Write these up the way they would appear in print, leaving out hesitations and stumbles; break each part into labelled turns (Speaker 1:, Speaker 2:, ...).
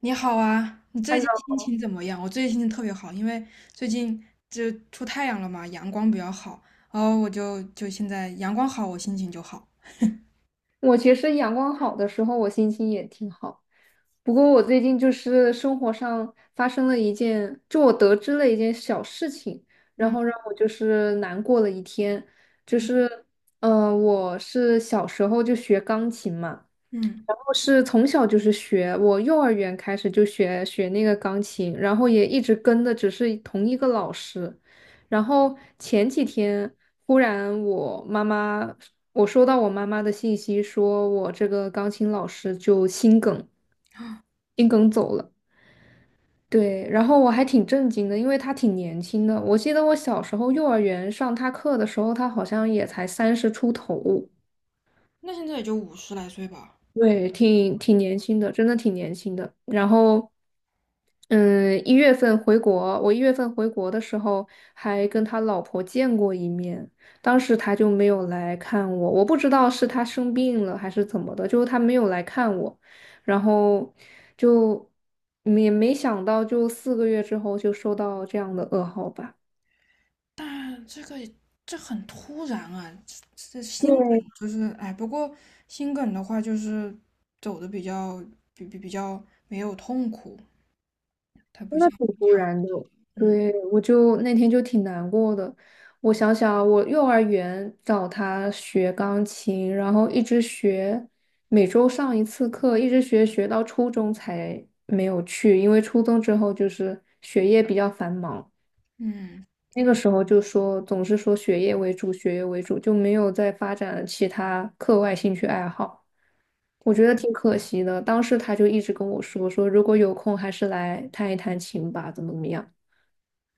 Speaker 1: 你好啊，你最
Speaker 2: 看
Speaker 1: 近
Speaker 2: 到。
Speaker 1: 心情怎么样？我最近心情特别好，因为最近就出太阳了嘛，阳光比较好，然后我现在阳光好，我心情就好。
Speaker 2: 我其实阳光好的时候，我心情也挺好。不过我最近就是生活上发生了一件，就我得知了一件小事情，然
Speaker 1: 嗯
Speaker 2: 后让我就是难过了一天。就
Speaker 1: 嗯
Speaker 2: 是，我是小时候就学钢琴嘛。
Speaker 1: 嗯，
Speaker 2: 然后是从小就是学，我幼儿园开始就学那个钢琴，然后也一直跟的只是同一个老师。然后前几天忽然我妈妈，我收到我妈妈的信息，说我这个钢琴老师就心梗，心梗走了。对，然后我还挺震惊的，因为他挺年轻的。我记得我小时候幼儿园上他课的时候，他好像也才30出头。
Speaker 1: 那现在也就五十来岁吧，
Speaker 2: 对，挺年轻的，真的挺年轻的。然后。嗯，一月份回国，我一月份回国的时候还跟他老婆见过一面，当时他就没有来看我，我不知道是他生病了还是怎么的，就是他没有来看我，然后就也没想到，就4个月之后就收到这样的噩耗吧。
Speaker 1: 但这个这很突然啊，这心
Speaker 2: 对。
Speaker 1: 梗就是哎，不过心梗的话就是走的比较比较没有痛苦，它不
Speaker 2: 那
Speaker 1: 像
Speaker 2: 挺突然的，
Speaker 1: 嗯
Speaker 2: 对，我就那天就挺难过的。我想想，我幼儿园找他学钢琴，然后一直学，每周上一次课，一直学到初中才没有去，因为初中之后就是学业比较繁忙，
Speaker 1: 嗯。
Speaker 2: 那个时候就说总是说学业为主，学业为主，就没有再发展其他课外兴趣爱好。我觉得挺可惜的，当时他就一直跟我说，说如果有空还是来弹一弹琴吧，怎么怎么样。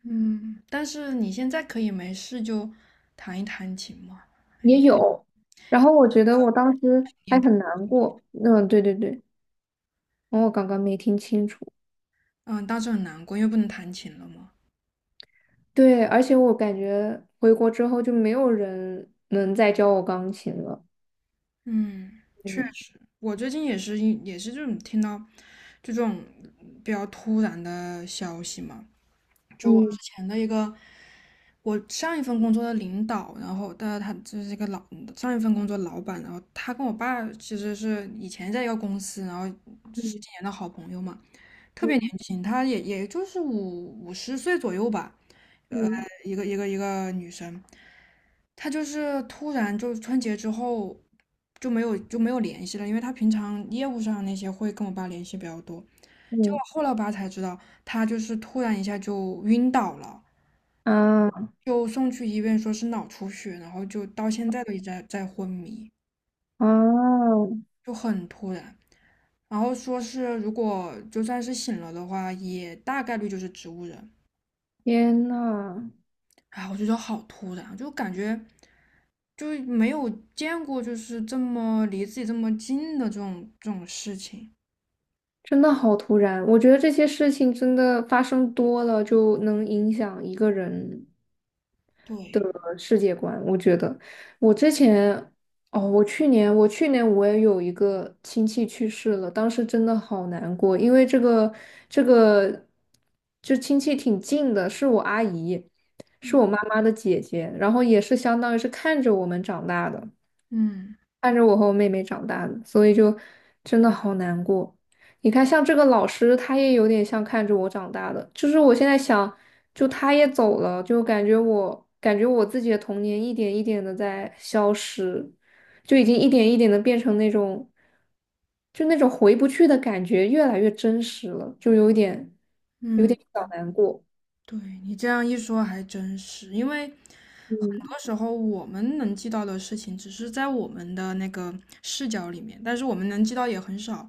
Speaker 1: 嗯，但是你现在可以没事就弹一弹琴嘛。
Speaker 2: 也有。然后我觉得我当时
Speaker 1: 也
Speaker 2: 还很难过。嗯，对，对，对，然后我刚刚没听清楚。
Speaker 1: 嗯，当时很难过，因为不能弹琴了嘛。
Speaker 2: 对，而且我感觉回国之后就没有人能再教我钢琴了。
Speaker 1: 嗯，确
Speaker 2: 对，
Speaker 1: 实，我最近也是这种听到就这种比较突然的消息嘛，就我之
Speaker 2: 嗯，
Speaker 1: 前的一个，我上一份工作的领导，然后但他就是一个老上一份工作老板，然后他跟我爸其实是以前在一个公司，然后10几
Speaker 2: 嗯，
Speaker 1: 年的好朋友嘛，特别
Speaker 2: 嗯，
Speaker 1: 年轻，他就是五十岁左右吧，呃，
Speaker 2: 嗯，
Speaker 1: 一个女生，他就是突然就春节之后就没有联系了，因为他平常业务上那些会跟我爸联系比较多。结果
Speaker 2: 嗯，
Speaker 1: 后来我爸才知道，他就是突然一下就晕倒了，
Speaker 2: 啊，
Speaker 1: 就送去医院说是脑出血，然后就到现在都一直在昏迷，
Speaker 2: 啊！
Speaker 1: 就很突然。然后说是如果就算是醒了的话，也大概率就是植物人。
Speaker 2: 天呐，
Speaker 1: 啊，我觉得好突然啊，就感觉就没有见过，就是这么离自己这么近的这种事情。
Speaker 2: 真的好突然！我觉得这些事情真的发生多了，就能影响一个人的
Speaker 1: 对，
Speaker 2: 世界观。我觉得我之前，哦，我去年我也有一个亲戚去世了，当时真的好难过，因为这个就亲戚挺近的，是我阿姨，是
Speaker 1: 嗯
Speaker 2: 我妈妈的姐姐，然后也是相当于是看着我们长大的。
Speaker 1: 嗯
Speaker 2: 看着我和我妹妹长大的，所以就真的好难过。你看，像这个老师，他也有点像看着我长大的。就是我现在想，就他也走了，就感觉我感觉我自己的童年一点一点的在消失，就已经一点一点的变成那种，就那种回不去的感觉，越来越真实了，就有点
Speaker 1: 嗯。
Speaker 2: 小难过。
Speaker 1: 对，你这样一说还真是，因为很
Speaker 2: 嗯，
Speaker 1: 多时候我们能记到的事情，只是在我们的那个视角里面，但是我们能记到也很少。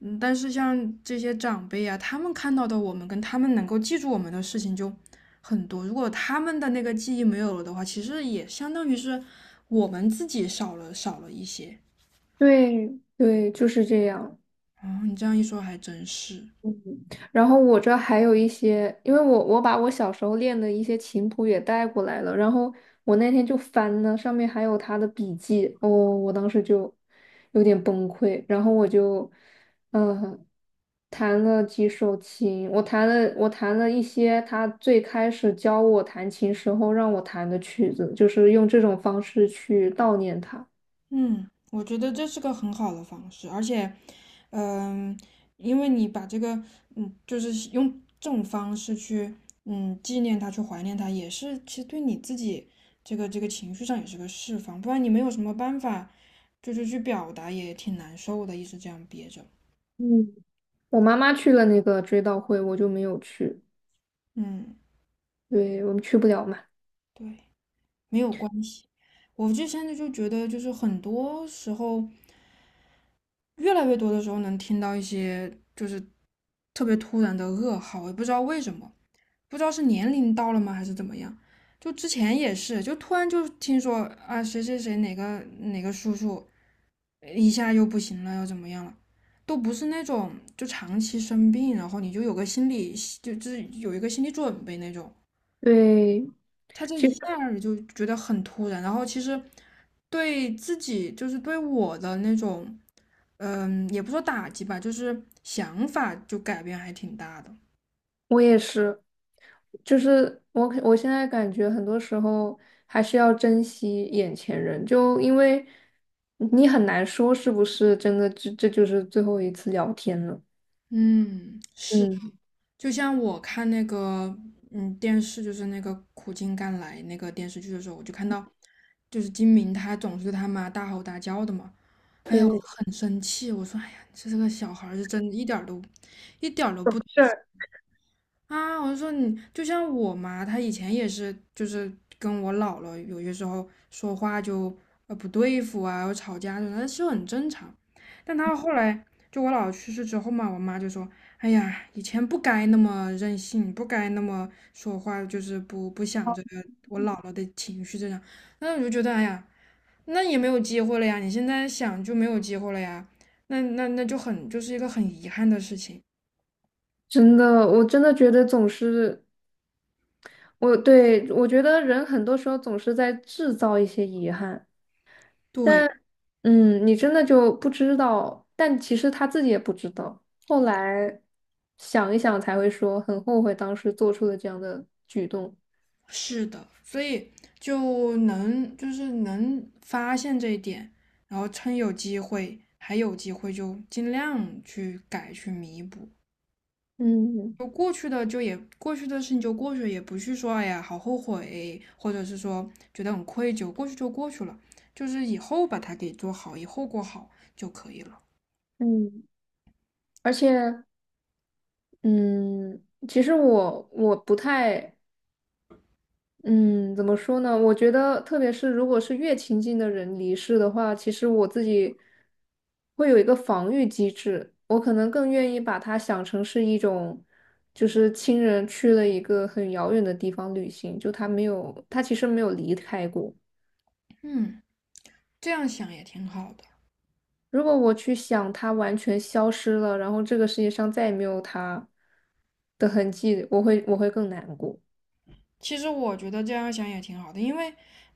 Speaker 1: 嗯，但是像这些长辈啊，他们看到的我们跟他们能够记住我们的事情就很多。如果他们的那个记忆没有了的话，其实也相当于是我们自己少了一些。
Speaker 2: 对，对，就是这样。
Speaker 1: 哦，你这样一说还真是。
Speaker 2: 嗯，然后我这还有一些，因为我把我小时候练的一些琴谱也带过来了，然后我那天就翻呢，上面还有他的笔记，哦，我当时就有点崩溃，然后我就嗯弹了几首琴，我弹了一些他最开始教我弹琴时候让我弹的曲子，就是用这种方式去悼念他。
Speaker 1: 嗯，我觉得这是个很好的方式，而且，嗯，因为你把这个，嗯，就是用这种方式去，嗯，纪念他，去怀念他，也是其实对你自己这个情绪上也是个释放，不然你没有什么办法，就是去表达也挺难受的，一直这样憋着。
Speaker 2: 嗯，我妈妈去了那个追悼会，我就没有去，
Speaker 1: 嗯，
Speaker 2: 对，我们去不了嘛。
Speaker 1: 对，没有关系。我就现在就觉得，就是很多时候，越来越多的时候能听到一些就是特别突然的噩耗，我也不知道为什么。不知道是年龄到了吗，还是怎么样。就之前也是，就突然就听说啊，谁谁谁哪个叔叔一下又不行了，又怎么样了，都不是那种就长期生病，然后你就有个心理就是有一个心理准备那种。
Speaker 2: 对，
Speaker 1: 他这
Speaker 2: 其
Speaker 1: 一下
Speaker 2: 实
Speaker 1: 儿就觉得很突然，然后其实对自己就是对我的那种，嗯，也不说打击吧，就是想法就改变还挺大的。
Speaker 2: 我也是，就是我现在感觉很多时候还是要珍惜眼前人，就因为你很难说是不是真的这就是最后一次聊天了。
Speaker 1: 嗯，是。
Speaker 2: 嗯，
Speaker 1: 就像我看那个嗯电视，就是那个《苦尽甘来》那个电视剧的时候，我就看到，就是金明他总是对他妈大吼大叫的嘛。哎呀，我
Speaker 2: 对，
Speaker 1: 很生气，我说哎呀，这个小孩儿是真一点儿都，一点儿都不
Speaker 2: 是
Speaker 1: 啊，我就说你就像我妈，她以前也是，就是跟我姥姥有些时候说话就不对付啊，有吵架什那是很正常。但她后来就我姥姥去世之后嘛，我妈就说：“哎呀，以前不该那么任性，不该那么说话，就是不想着我姥姥的情绪这样。”那我就觉得，哎呀，那也没有机会了呀，你现在想就没有机会了呀，那就很就是一个很遗憾的事情。
Speaker 2: 真的，我真的觉得总是我觉得人很多时候总是在制造一些遗憾。
Speaker 1: 对，
Speaker 2: 但你真的就不知道，但其实他自己也不知道。后来想一想才会说很后悔当时做出了这样的举动。
Speaker 1: 是的，所以就能就是能发现这一点，然后趁有机会还有机会就尽量去改去弥补。
Speaker 2: 嗯，
Speaker 1: 就过去的就也过去的事情就过去了，也不去说哎呀好后悔，或者是说觉得很愧疚，过去就过去了，就是以后把它给做好，以后过好就可以了。
Speaker 2: 嗯，而且嗯，其实我不太，嗯，怎么说呢？我觉得，特别是如果是越亲近的人离世的话，其实我自己会有一个防御机制，我可能更愿意把它想成是一种，就是亲人去了一个很遥远的地方旅行，就他其实没有离开过。
Speaker 1: 嗯，这样想也挺好的。
Speaker 2: 如果我去想他完全消失了，然后这个世界上再也没有他的痕迹，我会更难过。
Speaker 1: 其实我觉得这样想也挺好的，因为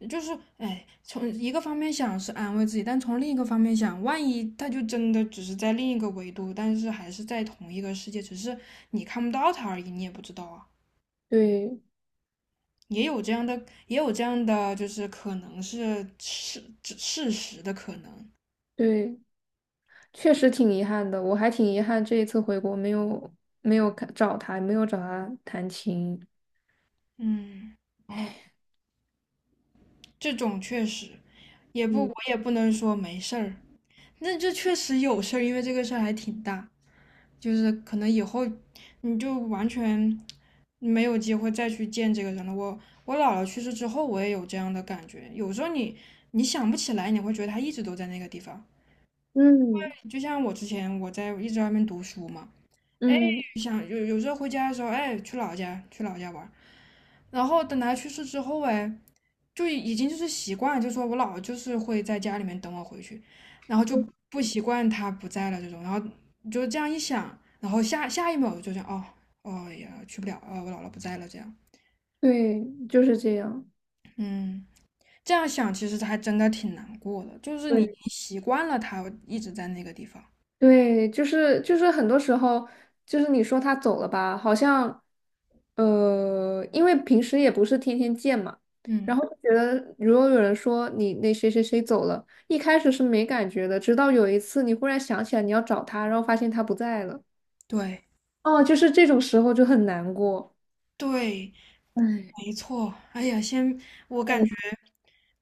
Speaker 1: 就是哎，从一个方面想是安慰自己，但从另一个方面想，万一他就真的只是在另一个维度，但是还是在同一个世界，只是你看不到他而已，你也不知道啊。
Speaker 2: 对，
Speaker 1: 也有这样的，也有这样的，就是可能是事实的可能。
Speaker 2: 对。确实挺遗憾的，我还挺遗憾这一次回国没有找他，没有找他弹琴。
Speaker 1: 嗯，
Speaker 2: 唉，
Speaker 1: 这种确实也不，
Speaker 2: 嗯，
Speaker 1: 我也不能说没事儿。那这确实有事儿，因为这个事儿还挺大，就是可能以后你就完全没有机会再去见这个人了。我姥姥去世之后，我也有这样的感觉。有时候你想不起来，你会觉得他一直都在那个地方。
Speaker 2: 嗯，
Speaker 1: 就像我之前我一直在外面读书嘛，
Speaker 2: 嗯，
Speaker 1: 想有时候回家的时候，哎，去老家玩然后等他去世之后，哎，就已经就是习惯，就说我姥就是会在家里面等我回去，然后就不习惯他不在了这种，然后就这样一想，然后下一秒就想，哦哎呀，去不了啊，哦我姥姥不在了这样，
Speaker 2: 对，就是这样。
Speaker 1: 嗯，这样想其实还真的挺难过的，就是你
Speaker 2: 对，
Speaker 1: 习惯了他一直在那个地方，
Speaker 2: 对，就是很多时候，就是你说他走了吧，好像，因为平时也不是天天见嘛，然
Speaker 1: 嗯，
Speaker 2: 后就觉得如果有人说你那谁谁谁走了，一开始是没感觉的，直到有一次你忽然想起来你要找他，然后发现他不在了。
Speaker 1: 对
Speaker 2: 哦，就是这种时候就很难过。
Speaker 1: 对，
Speaker 2: 唉，
Speaker 1: 没错，哎呀，先，我感
Speaker 2: 嗯，
Speaker 1: 觉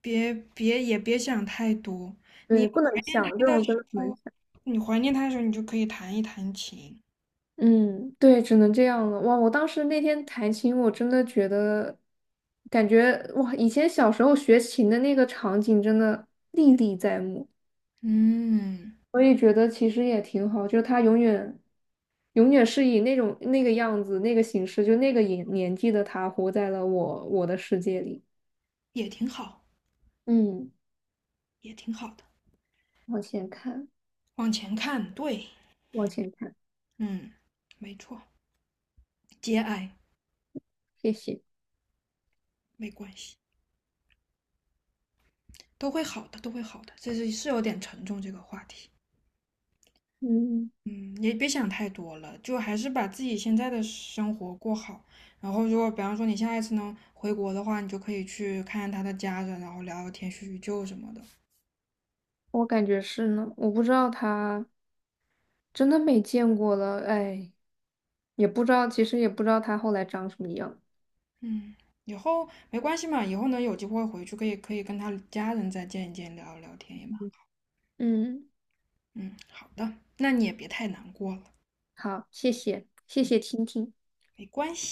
Speaker 1: 别也别想太多。你
Speaker 2: 对，
Speaker 1: 怀
Speaker 2: 不能
Speaker 1: 念
Speaker 2: 想，
Speaker 1: 他
Speaker 2: 这
Speaker 1: 的
Speaker 2: 种
Speaker 1: 时
Speaker 2: 真的不能
Speaker 1: 候，
Speaker 2: 想。
Speaker 1: 你怀念他的时候，你就可以弹一弹琴，
Speaker 2: 嗯，对，只能这样了。哇，我当时那天弹琴，我真的觉得，感觉哇，以前小时候学琴的那个场景真的历历在目。
Speaker 1: 嗯，
Speaker 2: 我也觉得其实也挺好，就是他永远永远是以那种那个样子、那个形式，就那个年纪的他，活在了我的世界里。
Speaker 1: 也挺好，
Speaker 2: 嗯，
Speaker 1: 也挺好的。
Speaker 2: 往前看，
Speaker 1: 往前看，对，
Speaker 2: 往前看，
Speaker 1: 嗯，没错，节哀
Speaker 2: 谢谢。
Speaker 1: 没关系，都会好的，都会好的。这是是有点沉重这个话题。
Speaker 2: 嗯。
Speaker 1: 嗯，也别想太多了，就还是把自己现在的生活过好。然后，如果比方说你下一次能回国的话，你就可以去看看他的家人，然后聊聊天、叙叙旧什么的。
Speaker 2: 我感觉是呢，我不知道他真的没见过了，哎，也不知道，其实也不知道他后来长什么样。
Speaker 1: 嗯，以后没关系嘛，以后能有机会回去可以跟他家人再见一见，聊一聊天也蛮。
Speaker 2: 嗯，
Speaker 1: 嗯，好的，那你也别太难过了，
Speaker 2: 好，谢谢，谢谢听听。
Speaker 1: 没关系。